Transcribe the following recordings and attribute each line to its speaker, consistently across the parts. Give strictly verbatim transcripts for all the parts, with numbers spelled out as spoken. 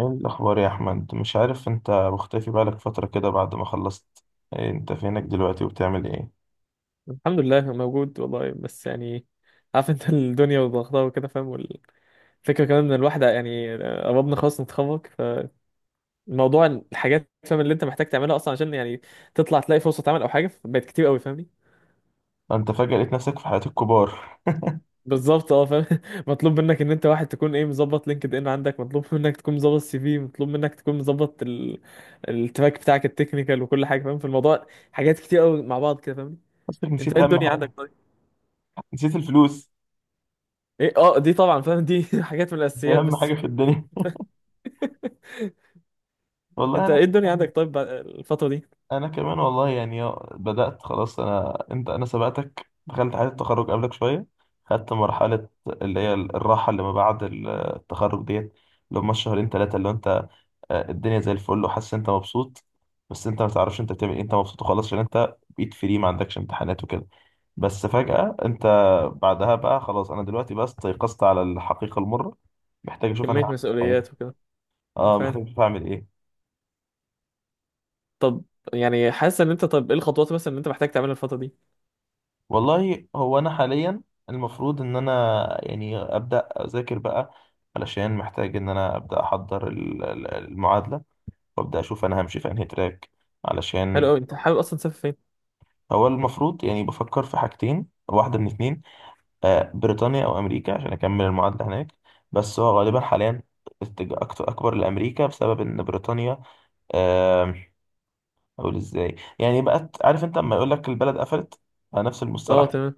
Speaker 1: ايه الاخبار يا احمد؟ مش عارف انت مختفي بقالك فتره كده بعد ما خلصت. إيه؟ انت فينك دلوقتي وبتعمل ايه؟
Speaker 2: الحمد لله موجود والله، بس يعني عارف انت الدنيا وضغطها وكده فاهم. والفكره كمان ان الواحد يعني قربنا خلاص نتخرج، فالموضوع الحاجات فاهم اللي انت محتاج تعملها اصلا عشان يعني تطلع تلاقي فرصه عمل او حاجه، بقت كتير قوي فاهمني.
Speaker 1: انت فجاه لقيت نفسك في حياه الكبار.
Speaker 2: بالظبط اه فاهم. مطلوب منك ان انت واحد تكون ايه، مظبط لينكد ان عندك، مطلوب منك تكون مظبط سي في، مطلوب منك تكون مظبط ال... التراك بتاعك التكنيكال وكل حاجه فاهم، في الموضوع حاجات كتير قوي مع بعض كده فاهمني.
Speaker 1: نفسك
Speaker 2: انت
Speaker 1: نسيت
Speaker 2: ايه
Speaker 1: اهم
Speaker 2: الدنيا عندك
Speaker 1: حاجه؟
Speaker 2: طيب؟
Speaker 1: نسيت الفلوس.
Speaker 2: ايه اه، دي طبعا فاهم. دي حاجات من
Speaker 1: دي
Speaker 2: الاساسيات
Speaker 1: اهم
Speaker 2: بس.
Speaker 1: حاجه في الدنيا. والله
Speaker 2: انت
Speaker 1: انا
Speaker 2: ايه الدنيا
Speaker 1: كمان.
Speaker 2: عندك طيب بعد- الفترة دي؟
Speaker 1: انا كمان والله يعني، آه، بدات خلاص. انا انت انا سبقتك دخلت حياه التخرج قبلك شويه. خدت مرحله اللي هي الراحه اللي ما بعد التخرج ديت، اللي هم الشهرين ثلاثه اللي انت، آه، الدنيا زي الفل وحاسس إن انت مبسوط. بس انت ما تعرفش انت بتعمل ايه، انت مبسوط وخلاص، عشان انت بقيت فري، ما عندكش امتحانات وكده. بس فجأة انت، بعدها بقى خلاص. انا دلوقتي بقى استيقظت على الحقيقة المرة. محتاج اشوف انا
Speaker 2: كمية
Speaker 1: هعمل إيه في حياتي.
Speaker 2: مسؤوليات وكده
Speaker 1: اه،
Speaker 2: فاهم.
Speaker 1: محتاج اشوف هعمل ايه.
Speaker 2: طب يعني حاسس ان انت، طب ايه الخطوات مثلا اللي انت محتاج تعملها الفترة دي؟
Speaker 1: والله هو انا حاليا، المفروض ان انا يعني ابدا اذاكر بقى، علشان محتاج ان انا ابدا احضر ال- ال- المعادلة، وابدا اشوف انا همشي في انهي تراك،
Speaker 2: حلو
Speaker 1: علشان.
Speaker 2: قوي، انت حابب اصلا تسافر فين؟
Speaker 1: هو المفروض يعني بفكر في حاجتين، واحدة من اتنين: آه، بريطانيا او امريكا عشان اكمل المعادله هناك. بس هو غالبا حاليا اتجاه أكت- اكبر لامريكا بسبب ان بريطانيا، آم، اقول ازاي يعني؟ بقت عارف انت لما يقول لك البلد قفلت؟ نفس
Speaker 2: اه
Speaker 1: المصطلح.
Speaker 2: تمام.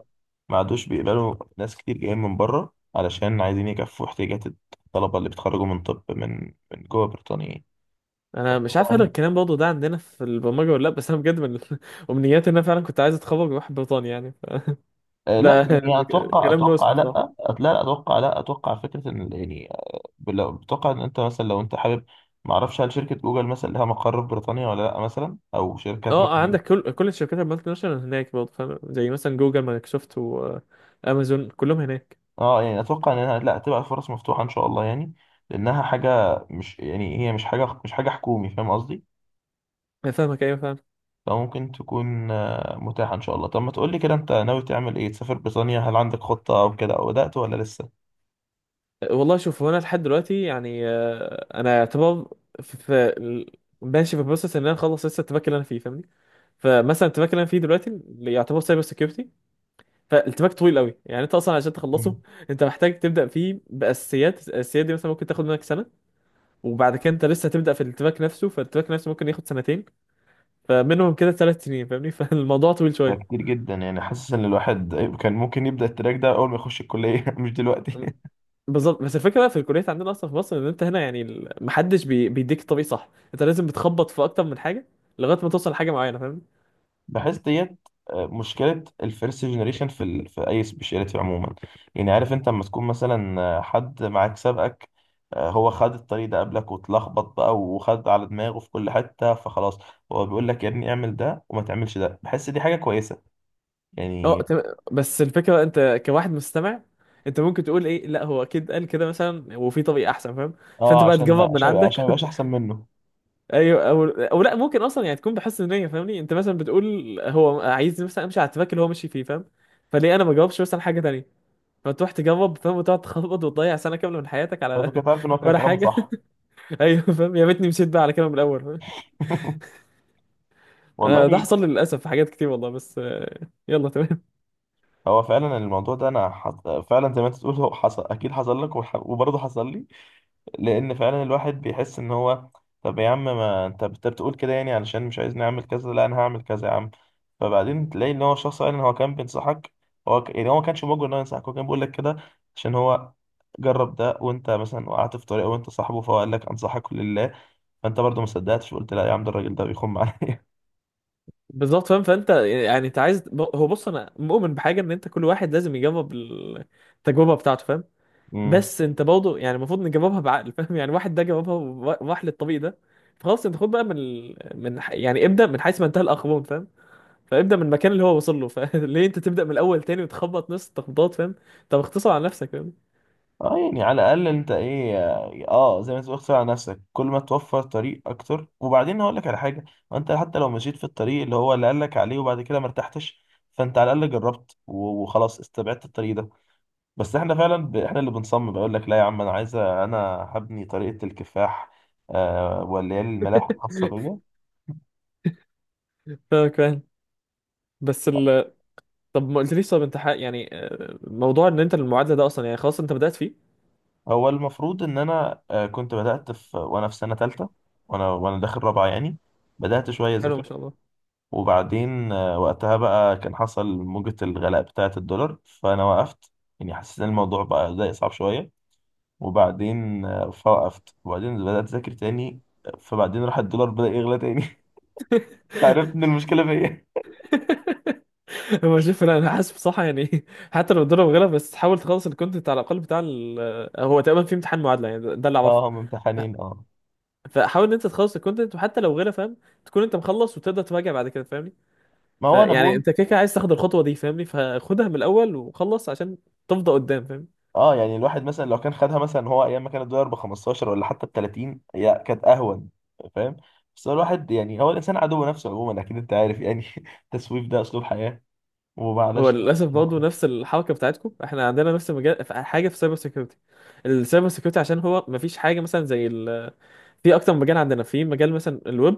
Speaker 1: ما عادوش بيقبلوا ناس كتير جايين من بره علشان عايزين يكفوا احتياجات الطلبه اللي بيتخرجوا من طب من من جوه بريطانيا يعني.
Speaker 2: انا
Speaker 1: طب
Speaker 2: مش عارف هل
Speaker 1: طبعاً،
Speaker 2: الكلام برضه ده عندنا في البرمجة ولا لا، بس انا بجد من امنياتي ان انا فعلا كنت عايز اتخرج واروح بريطانيا يعني ف...
Speaker 1: آه، لا
Speaker 2: ده
Speaker 1: يعني، اتوقع
Speaker 2: كلام
Speaker 1: اتوقع
Speaker 2: موسم
Speaker 1: لا.
Speaker 2: صح.
Speaker 1: أت- لا لا، اتوقع لا، اتوقع فكره ان يعني لو بتوقع ان انت مثلا، لو انت حابب، ما اعرفش، هل شركه جوجل مثلا لها مقر في بريطانيا ولا لا مثلا، او شركات
Speaker 2: اه،
Speaker 1: مثلا.
Speaker 2: عندك كل كل الشركات المالتي ناشونال هناك برضه فاهم، زي مثلا جوجل مايكروسوفت وامازون كلهم هناك.
Speaker 1: اه، يعني اتوقع انها لا تبقى فرص مفتوحه ان شاء الله يعني، لانها حاجه مش يعني، هي مش حاجه مش حاجه حكومي، فاهم قصدي.
Speaker 2: أنا فاهمك، ايوه فاهم.
Speaker 1: فممكن تكون آه، متاحه ان شاء الله. طب ما تقول لي كده، انت ناوي تعمل ايه؟ تسافر بريطانيا؟ هل عندك خطه او كده، او بدات ولا لسه؟
Speaker 2: والله شوف، هو انا لحد دلوقتي يعني، آه، انا يعتبر في في- ماشي في بروسس ان انا اخلص لسه التراك اللي انا فيه فاهمني. فمثلا التراك اللي انا فيه دلوقتي اللي يعتبر سايبر سكيورتي، فالتراك طويل قوي، يعني انت اصلا عشان تخلصه
Speaker 1: مم.
Speaker 2: انت محتاج تبدا فيه باساسيات. الاساسيات دي مثلا ممكن تاخد منك سنه، وبعد كده انت لسه هتبدا في التراك نفسه، فالتراك نفسه ممكن ياخد سنتين، فمنهم كده ثلاث سنين فاهمني. فالموضوع طويل
Speaker 1: ده
Speaker 2: شويه.
Speaker 1: كتير جدا، يعني حاسس ان الواحد كان ممكن يبدا التراك ده اول ما يخش الكليه، مش دلوقتي.
Speaker 2: بالظبط، بس الفكره بقى في الكليات عندنا اصلا في مصر ان انت هنا، يعني ال- محدش بي... بيديك الطريق صح، انت لازم بتخبط في اكتر من حاجه لغايه ما توصل لحاجه معينه فاهم.
Speaker 1: بحس ديت آه، مشكلة الفيرست جنريشن في ال... في أي سبيشاليتي عموما. يعني عارف أنت لما تكون مثلا آه، حد معاك سابقك، آه، هو خد الطريق ده قبلك واتلخبط بقى وخد على دماغه في كل حتة، فخلاص هو بيقول لك يا ابني اعمل ده وما تعملش ده. بحس دي حاجة كويسة
Speaker 2: اه
Speaker 1: يعني.
Speaker 2: تم... بس الفكره انت كواحد مستمع، انت ممكن تقول ايه، لا هو اكيد قال كده مثلا وفي طريق احسن فاهم، فانت
Speaker 1: اه،
Speaker 2: بقى
Speaker 1: عشان ما
Speaker 2: تجرب من
Speaker 1: عشان عشان ما
Speaker 2: عندك.
Speaker 1: يبقاش أحسن منه.
Speaker 2: ايوه، او او لا، ممكن اصلا يعني تكون بحس ان، فاهمني، انت مثلا بتقول هو عايز مثلا امشي على التراك اللي هو ماشي فيه فاهم، فليه انا ما جربش مثلا حاجه تانيه، فتروح تجرب فاهم وتقعد تخبط وتضيع سنه كامله من حياتك على
Speaker 1: فأنت كده عارف إن هو كان
Speaker 2: ولا
Speaker 1: كلامه
Speaker 2: حاجه.
Speaker 1: صح.
Speaker 2: ايوه فاهم، يا ريتني مشيت بقى على كده من الاول فاهم؟ انا ده
Speaker 1: والله،
Speaker 2: حصل لي للاسف في حاجات كتير والله، بس آه، يلا تمام.
Speaker 1: هو فعلا الموضوع ده انا حط... فعلا زي ما انت بتقول، هو حصل، اكيد حصل لك وح... وبرضه حصل لي، لان فعلا الواحد بيحس ان هو. طب يا عم، ما انت بت- بتقول كده، يعني علشان مش عايزني اعمل كذا، لا انا هعمل كذا يا عم. فبعدين تلاقي ان هو شخص فعلا هو كان بينصحك. هو ك... يعني، هو ما كانش موجود ان هو ينصحك، هو كان بيقول لك كده عشان هو جرب ده، وانت مثلا وقعت في طريقه، وانت صاحبه، فهو قال لك انصحك لله. فانت برضه ما صدقتش وقلت لا يا عم، ده الراجل ده بيخم عليا.
Speaker 2: بالظبط فاهم، فانت يعني انت عايز ب- هو بص، انا مؤمن بحاجه ان انت كل واحد لازم يجرب التجربه بتاعته فاهم. بس انت برضه يعني المفروض نجربها بعقل فاهم، يعني واحد ده جربها وراح للطريق ده، فخلاص انت خد بقى من ال- من ح- يعني ابدا من حيث ما انتهى الاخرون فاهم، فابدا من المكان اللي هو وصل له، فليه انت تبدا من الاول تاني وتخبط نفس التخبطات فاهم؟ طب اختصر على نفسك فاهم.
Speaker 1: اه، يعني على الاقل انت ايه، اه، زي ما تقول اختار على نفسك، كل ما توفر طريق اكتر. وبعدين هقول لك على حاجه: ما انت حتى لو مشيت في الطريق اللي هو اللي قال لك عليه، وبعد كده ما ارتحتش، فانت على الاقل جربت و- وخلاص استبعدت الطريق ده. بس احنا فعلا ب... احنا اللي بنصمم، بقول لك لا يا عم انا عايزه انا، هبني طريقه الكفاح، آه واللي هي الملاحه الخاصه بيا.
Speaker 2: فاهمك فاهم. بس ال طب ما قلتليش، طب انت حق يعني، آه، موضوع ان انت المعادله ده اصلا يعني خلاص انت بدات فيه؟
Speaker 1: هو المفروض ان انا آه كنت بدات في وانا في سنه ثالثه، وانا وانا داخل رابعه يعني، بدات شويه
Speaker 2: حلو
Speaker 1: ذاكر.
Speaker 2: ما شاء الله.
Speaker 1: وبعدين آه، وقتها بقى كان حصل موجة الغلاء بتاعة الدولار، فأنا وقفت. يعني حسيت إن الموضوع بقى بدأ يصعب شوية. وبعدين آه، فوقفت، وبعدين بدأت أذاكر تاني. فبعدين راح الدولار بدأ يغلى تاني. عرفت إن المشكلة فيا.
Speaker 2: هو شوف، انا أنا حاسب صح يعني. حتى لو الضرب غلط بس حاول تخلص الكونتنت على الاقل بتاع ال... آه، هو تقريبا في امتحان معادله يعني، ده ده اللي اعرفه.
Speaker 1: اه، هم
Speaker 2: ف-
Speaker 1: امتحانين، اه.
Speaker 2: فحاول ان انت تخلص الكونتنت وحتى لو غيره فاهم، تكون انت مخلص وتقدر تراجع بعد كده فاهمني.
Speaker 1: ما هو أنا
Speaker 2: فيعني
Speaker 1: بقول،
Speaker 2: انت كده كده عايز تاخد الخطوه دي فاهمني، فخدها من الاول وخلص عشان تفضى قدام فاهم.
Speaker 1: اه، يعني الواحد مثلا لو كان خدها، مثلا هو أيام ما كان الدولار ب خمسة عشر ولا حتى ب تلاتين، هي كانت أهون. فاهم. بس هو الواحد، يعني هو الإنسان عدو نفسه عموما، أكيد أنت عارف يعني. التسويف ده أسلوب حياة،
Speaker 2: هو
Speaker 1: ومعلش.
Speaker 2: للاسف برضه نفس الحركه بتاعتكم، احنا عندنا نفس المجال في حاجه في سايبر سيكيورتي. السايبر سيكيورتي عشان هو ما فيش حاجه مثلا زي ال... في اكتر مجال عندنا في مجال مثلا الويب،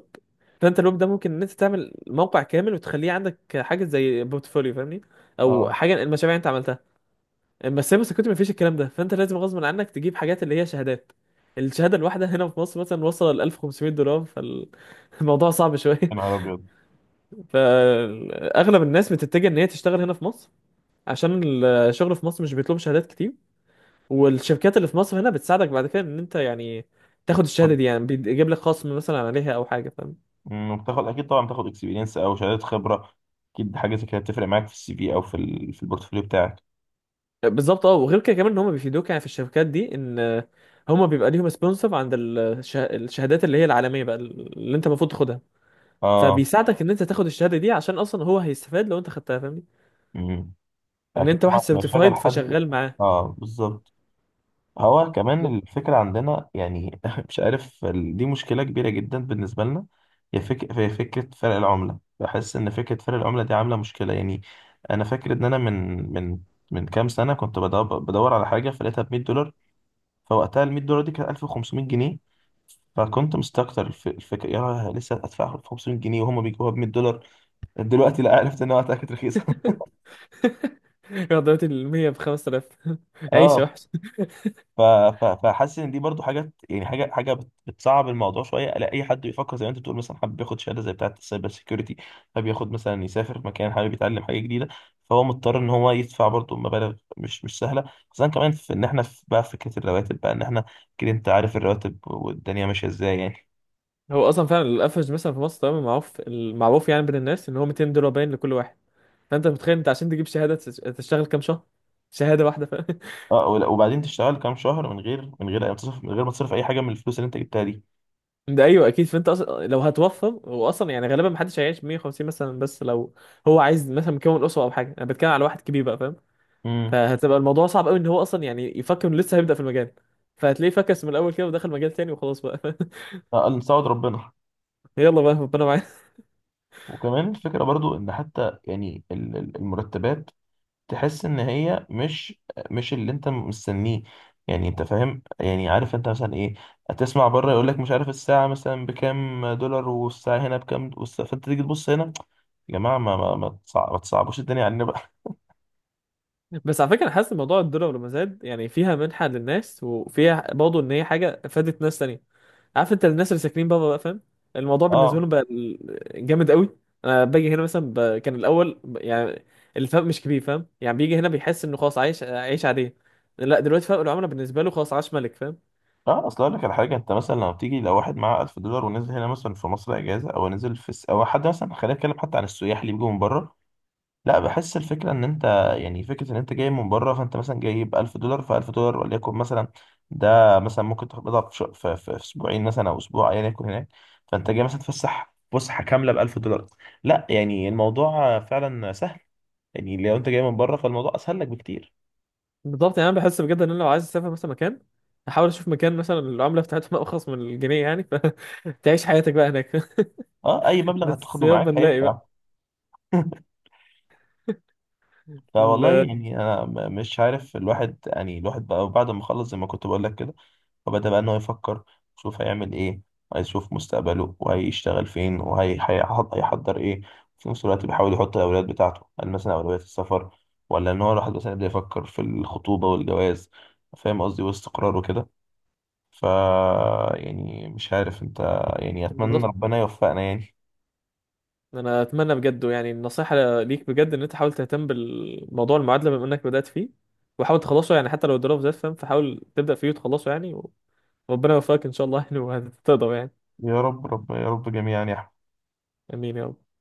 Speaker 2: فانت الويب ده ممكن ان انت تعمل موقع كامل وتخليه عندك حاجه زي بورتفوليو فاهمني، او
Speaker 1: اه،
Speaker 2: حاجه المشاريع اللي انت عملتها. اما السايبر سيكيورتي ما فيش الكلام ده، فانت لازم غصب عنك تجيب حاجات اللي هي شهادات. الشهاده الواحده هنا في مصر مثلا وصل ل ألف وخمسميه دولار، فالموضوع صعب شويه.
Speaker 1: يا نهار ابيض.
Speaker 2: فاغلب الناس بتتجه ان هي تشتغل هنا في مصر، عشان الشغل في مصر مش بيطلب شهادات كتير. والشركات اللي في مصر هنا بتساعدك بعد كده ان انت يعني تاخد الشهاده
Speaker 1: خد-
Speaker 2: دي، يعني بيجيب لك خصم مثلا عليها او حاجه فاهم.
Speaker 1: مم، بتاخد اكيد طبعا، بتاخد اكسبيرينس او شهادات خبره. اكيد حاجه زي كده بتفرق معاك في السي في، او في ال... في البورتفوليو بتاعك.
Speaker 2: بالظبط اه، وغير كده كمان ان هم بيفيدوك يعني في الشركات دي، ان هم بيبقى ليهم سبونسر عند الشه- الشهادات اللي هي العالميه بقى اللي انت المفروض تاخدها،
Speaker 1: اه.
Speaker 2: فبيساعدك ان انت تاخد الشهاده دي عشان اصلا هو هيستفاد لو انت خدتها فاهمني،
Speaker 1: مم.
Speaker 2: ان
Speaker 1: اكيد
Speaker 2: انت واحد
Speaker 1: طبعا لما يشغل
Speaker 2: سيرتيفايد
Speaker 1: حد،
Speaker 2: فشغال معاه.
Speaker 1: اه، بالظبط. هو كمان
Speaker 2: بالظبط.
Speaker 1: الفكره عندنا يعني، مش عارف، ال- دي مشكله كبيره جدا بالنسبه لنا. هي فك... هي فكره فرق العمله، بحس ان فكره فرق العمله دي عامله مشكله يعني. انا فاكر ان انا من من من كام سنه كنت بدور, بدور على حاجه فلقيتها ب مئة دولار. فوقتها ال مئة دولار دي كانت ألف وخمسمئة جنيه. فكنت مستكتر الف- الفكره، يا لسه هدفع خمسميه جنيه وهم بيجيبوها ب مية دولار. دلوقتي لا، عرفت انها وقتها كانت رخيصه.
Speaker 2: يا درجة المية بخمس خمسة آلاف.
Speaker 1: اه،
Speaker 2: عيشه.
Speaker 1: ف- ف- فحاسس ان دي برضو حاجات، يعني حاجه حاجه بت- بتصعب الموضوع شويه. لا، اي حد بيفكر زي ما انت بتقول، مثلا حابب ياخد شهاده زي بتاعه السايبر سيكيورتي، حابب ياخد مثلا يسافر مكان، حابب يتعلم حاجه جديده، فهو مضطر ان هو يدفع برضو مبالغ مش مش سهله. خصوصا كمان في ان احنا في بقى فكره الرواتب، بقى ان احنا، كده انت عارف الرواتب والدنيا ماشيه ازاي يعني.
Speaker 2: هو اصلا فعلا الافرج مثلا في مصر تمام معروف، المعروف يعني بين الناس ان هو مئتين دولار باين لكل واحد، فانت متخيل انت عشان تجيب شهاده تش- تشتغل كام شهر؟ شهاده واحده فاهم.
Speaker 1: اه، ولا- وبعدين تشتغل كام شهر، من غير من غير أي تصرف، من غير ما تصرف اي حاجه من الفلوس اللي انت جبتها دي.
Speaker 2: ده ايوه اكيد، فانت اصلا لو هتوفر هو اصلا يعني غالبا محدش هيعيش ميه وخمسين مثلا، بس لو هو عايز مثلا مكون اسره او حاجه، انا بتكلم على واحد كبير بقى فاهم،
Speaker 1: امم.
Speaker 2: فهتبقى الموضوع صعب قوي ان هو اصلا يعني يفكر انه لسه هيبدا في المجال، فهتلاقيه فكس من الاول كده ودخل مجال تاني وخلاص بقى.
Speaker 1: قال نساعد ربنا.
Speaker 2: يلا بقى ربنا معانا.
Speaker 1: وكمان الفكره برضو ان حتى يعني ال- ال- المرتبات، تحس ان هي مش، مش اللي انت مستنيه. يعني انت فاهم، يعني عارف انت مثلا ايه، هتسمع بره يقول لك مش عارف الساعه مثلا بكام دولار، والساعه هنا بكام، والس- فانت تيجي تبص هنا، يا جماعه ما ما ما تصع- ما تصعبوش الدنيا علينا بقى.
Speaker 2: بس على فكره، انا حاسس إن موضوع الدولار لما زاد يعني فيها منحه للناس، وفيها برضه ان هي حاجه فادت ناس تانية، عارف انت الناس اللي ساكنين بره بقى فاهم، الموضوع بالنسبه
Speaker 1: اه.
Speaker 2: لهم بقى ال- جامد قوي. انا باجي هنا مثلا ب... كان الاول ب... يعني الفرق مش كبير فاهم، يعني بيجي هنا بيحس انه خلاص عايش عايش عاديه، لا دلوقتي فرق العمله بالنسبه له خلاص عاش ملك فاهم.
Speaker 1: اه، اصل اقول لك على حاجه، انت مثلا لما بتيجي لو واحد معاه ألف دولار ونزل هنا مثلا في مصر اجازه، او نزل في الس... او حد مثلا، خلينا نتكلم حتى عن السياح اللي بيجوا من بره. لا، بحس الفكره ان انت، يعني فكره ان انت جاي من بره، فانت مثلا جايب ألف دولار، ف ألف دولار وليكن مثلا، ده مثلا ممكن تقبضها في, ش... في, في, في اسبوعين مثلا او اسبوع، ايا يكن هناك. فانت جاي مثلا تفسح فسحه كامله ب ألف دولار. لا يعني الموضوع فعلا سهل، يعني لو انت جاي من بره فالموضوع اسهل لك بكتير.
Speaker 2: بالظبط، يعني انا بحس بجد ان انا لو عايز اسافر مثلا مكان، احاول اشوف مكان مثلا العمله بتاعتهم ارخص من الجنيه يعني، فتعيش حياتك بقى هناك.
Speaker 1: اه، اي مبلغ
Speaker 2: بس
Speaker 1: هتاخده
Speaker 2: يابا
Speaker 1: معاك
Speaker 2: نلاقي بقى.
Speaker 1: هينفع. فوالله
Speaker 2: ال-
Speaker 1: يعني انا م- مش عارف. الواحد يعني الواحد بقى بعد ما خلص زي ما كنت بقول لك كده، فبدأ بقى ان هو يفكر، يشوف هيعمل ايه، هيشوف مستقبله وهيشتغل فين وهيحضر ايه. في نفس الوقت بيحاول يحط الاولويات بتاعته، هل مثلا اولوية السفر، ولا ان هو الواحد مثلا يبدأ يفكر في الخطوبة والجواز؟ فاهم قصدي، واستقرار وكده. ف، يعني مش عارف انت، يعني اتمنى
Speaker 2: بالظبط.
Speaker 1: ربنا يوفقنا يعني.
Speaker 2: انا اتمنى بجد يعني النصيحه ليك بجد، ان انت حاول تهتم بالموضوع المعادله بما انك بدات فيه، وحاول تخلصه يعني حتى لو الدراسه زاد فاهم، فحاول تبدا فيه وتخلصه يعني، وربنا يوفقك ان شاء الله يعني وهتقدر يعني.
Speaker 1: يا رب رب يا رب جميعا يا أحمد.
Speaker 2: امين يا رب.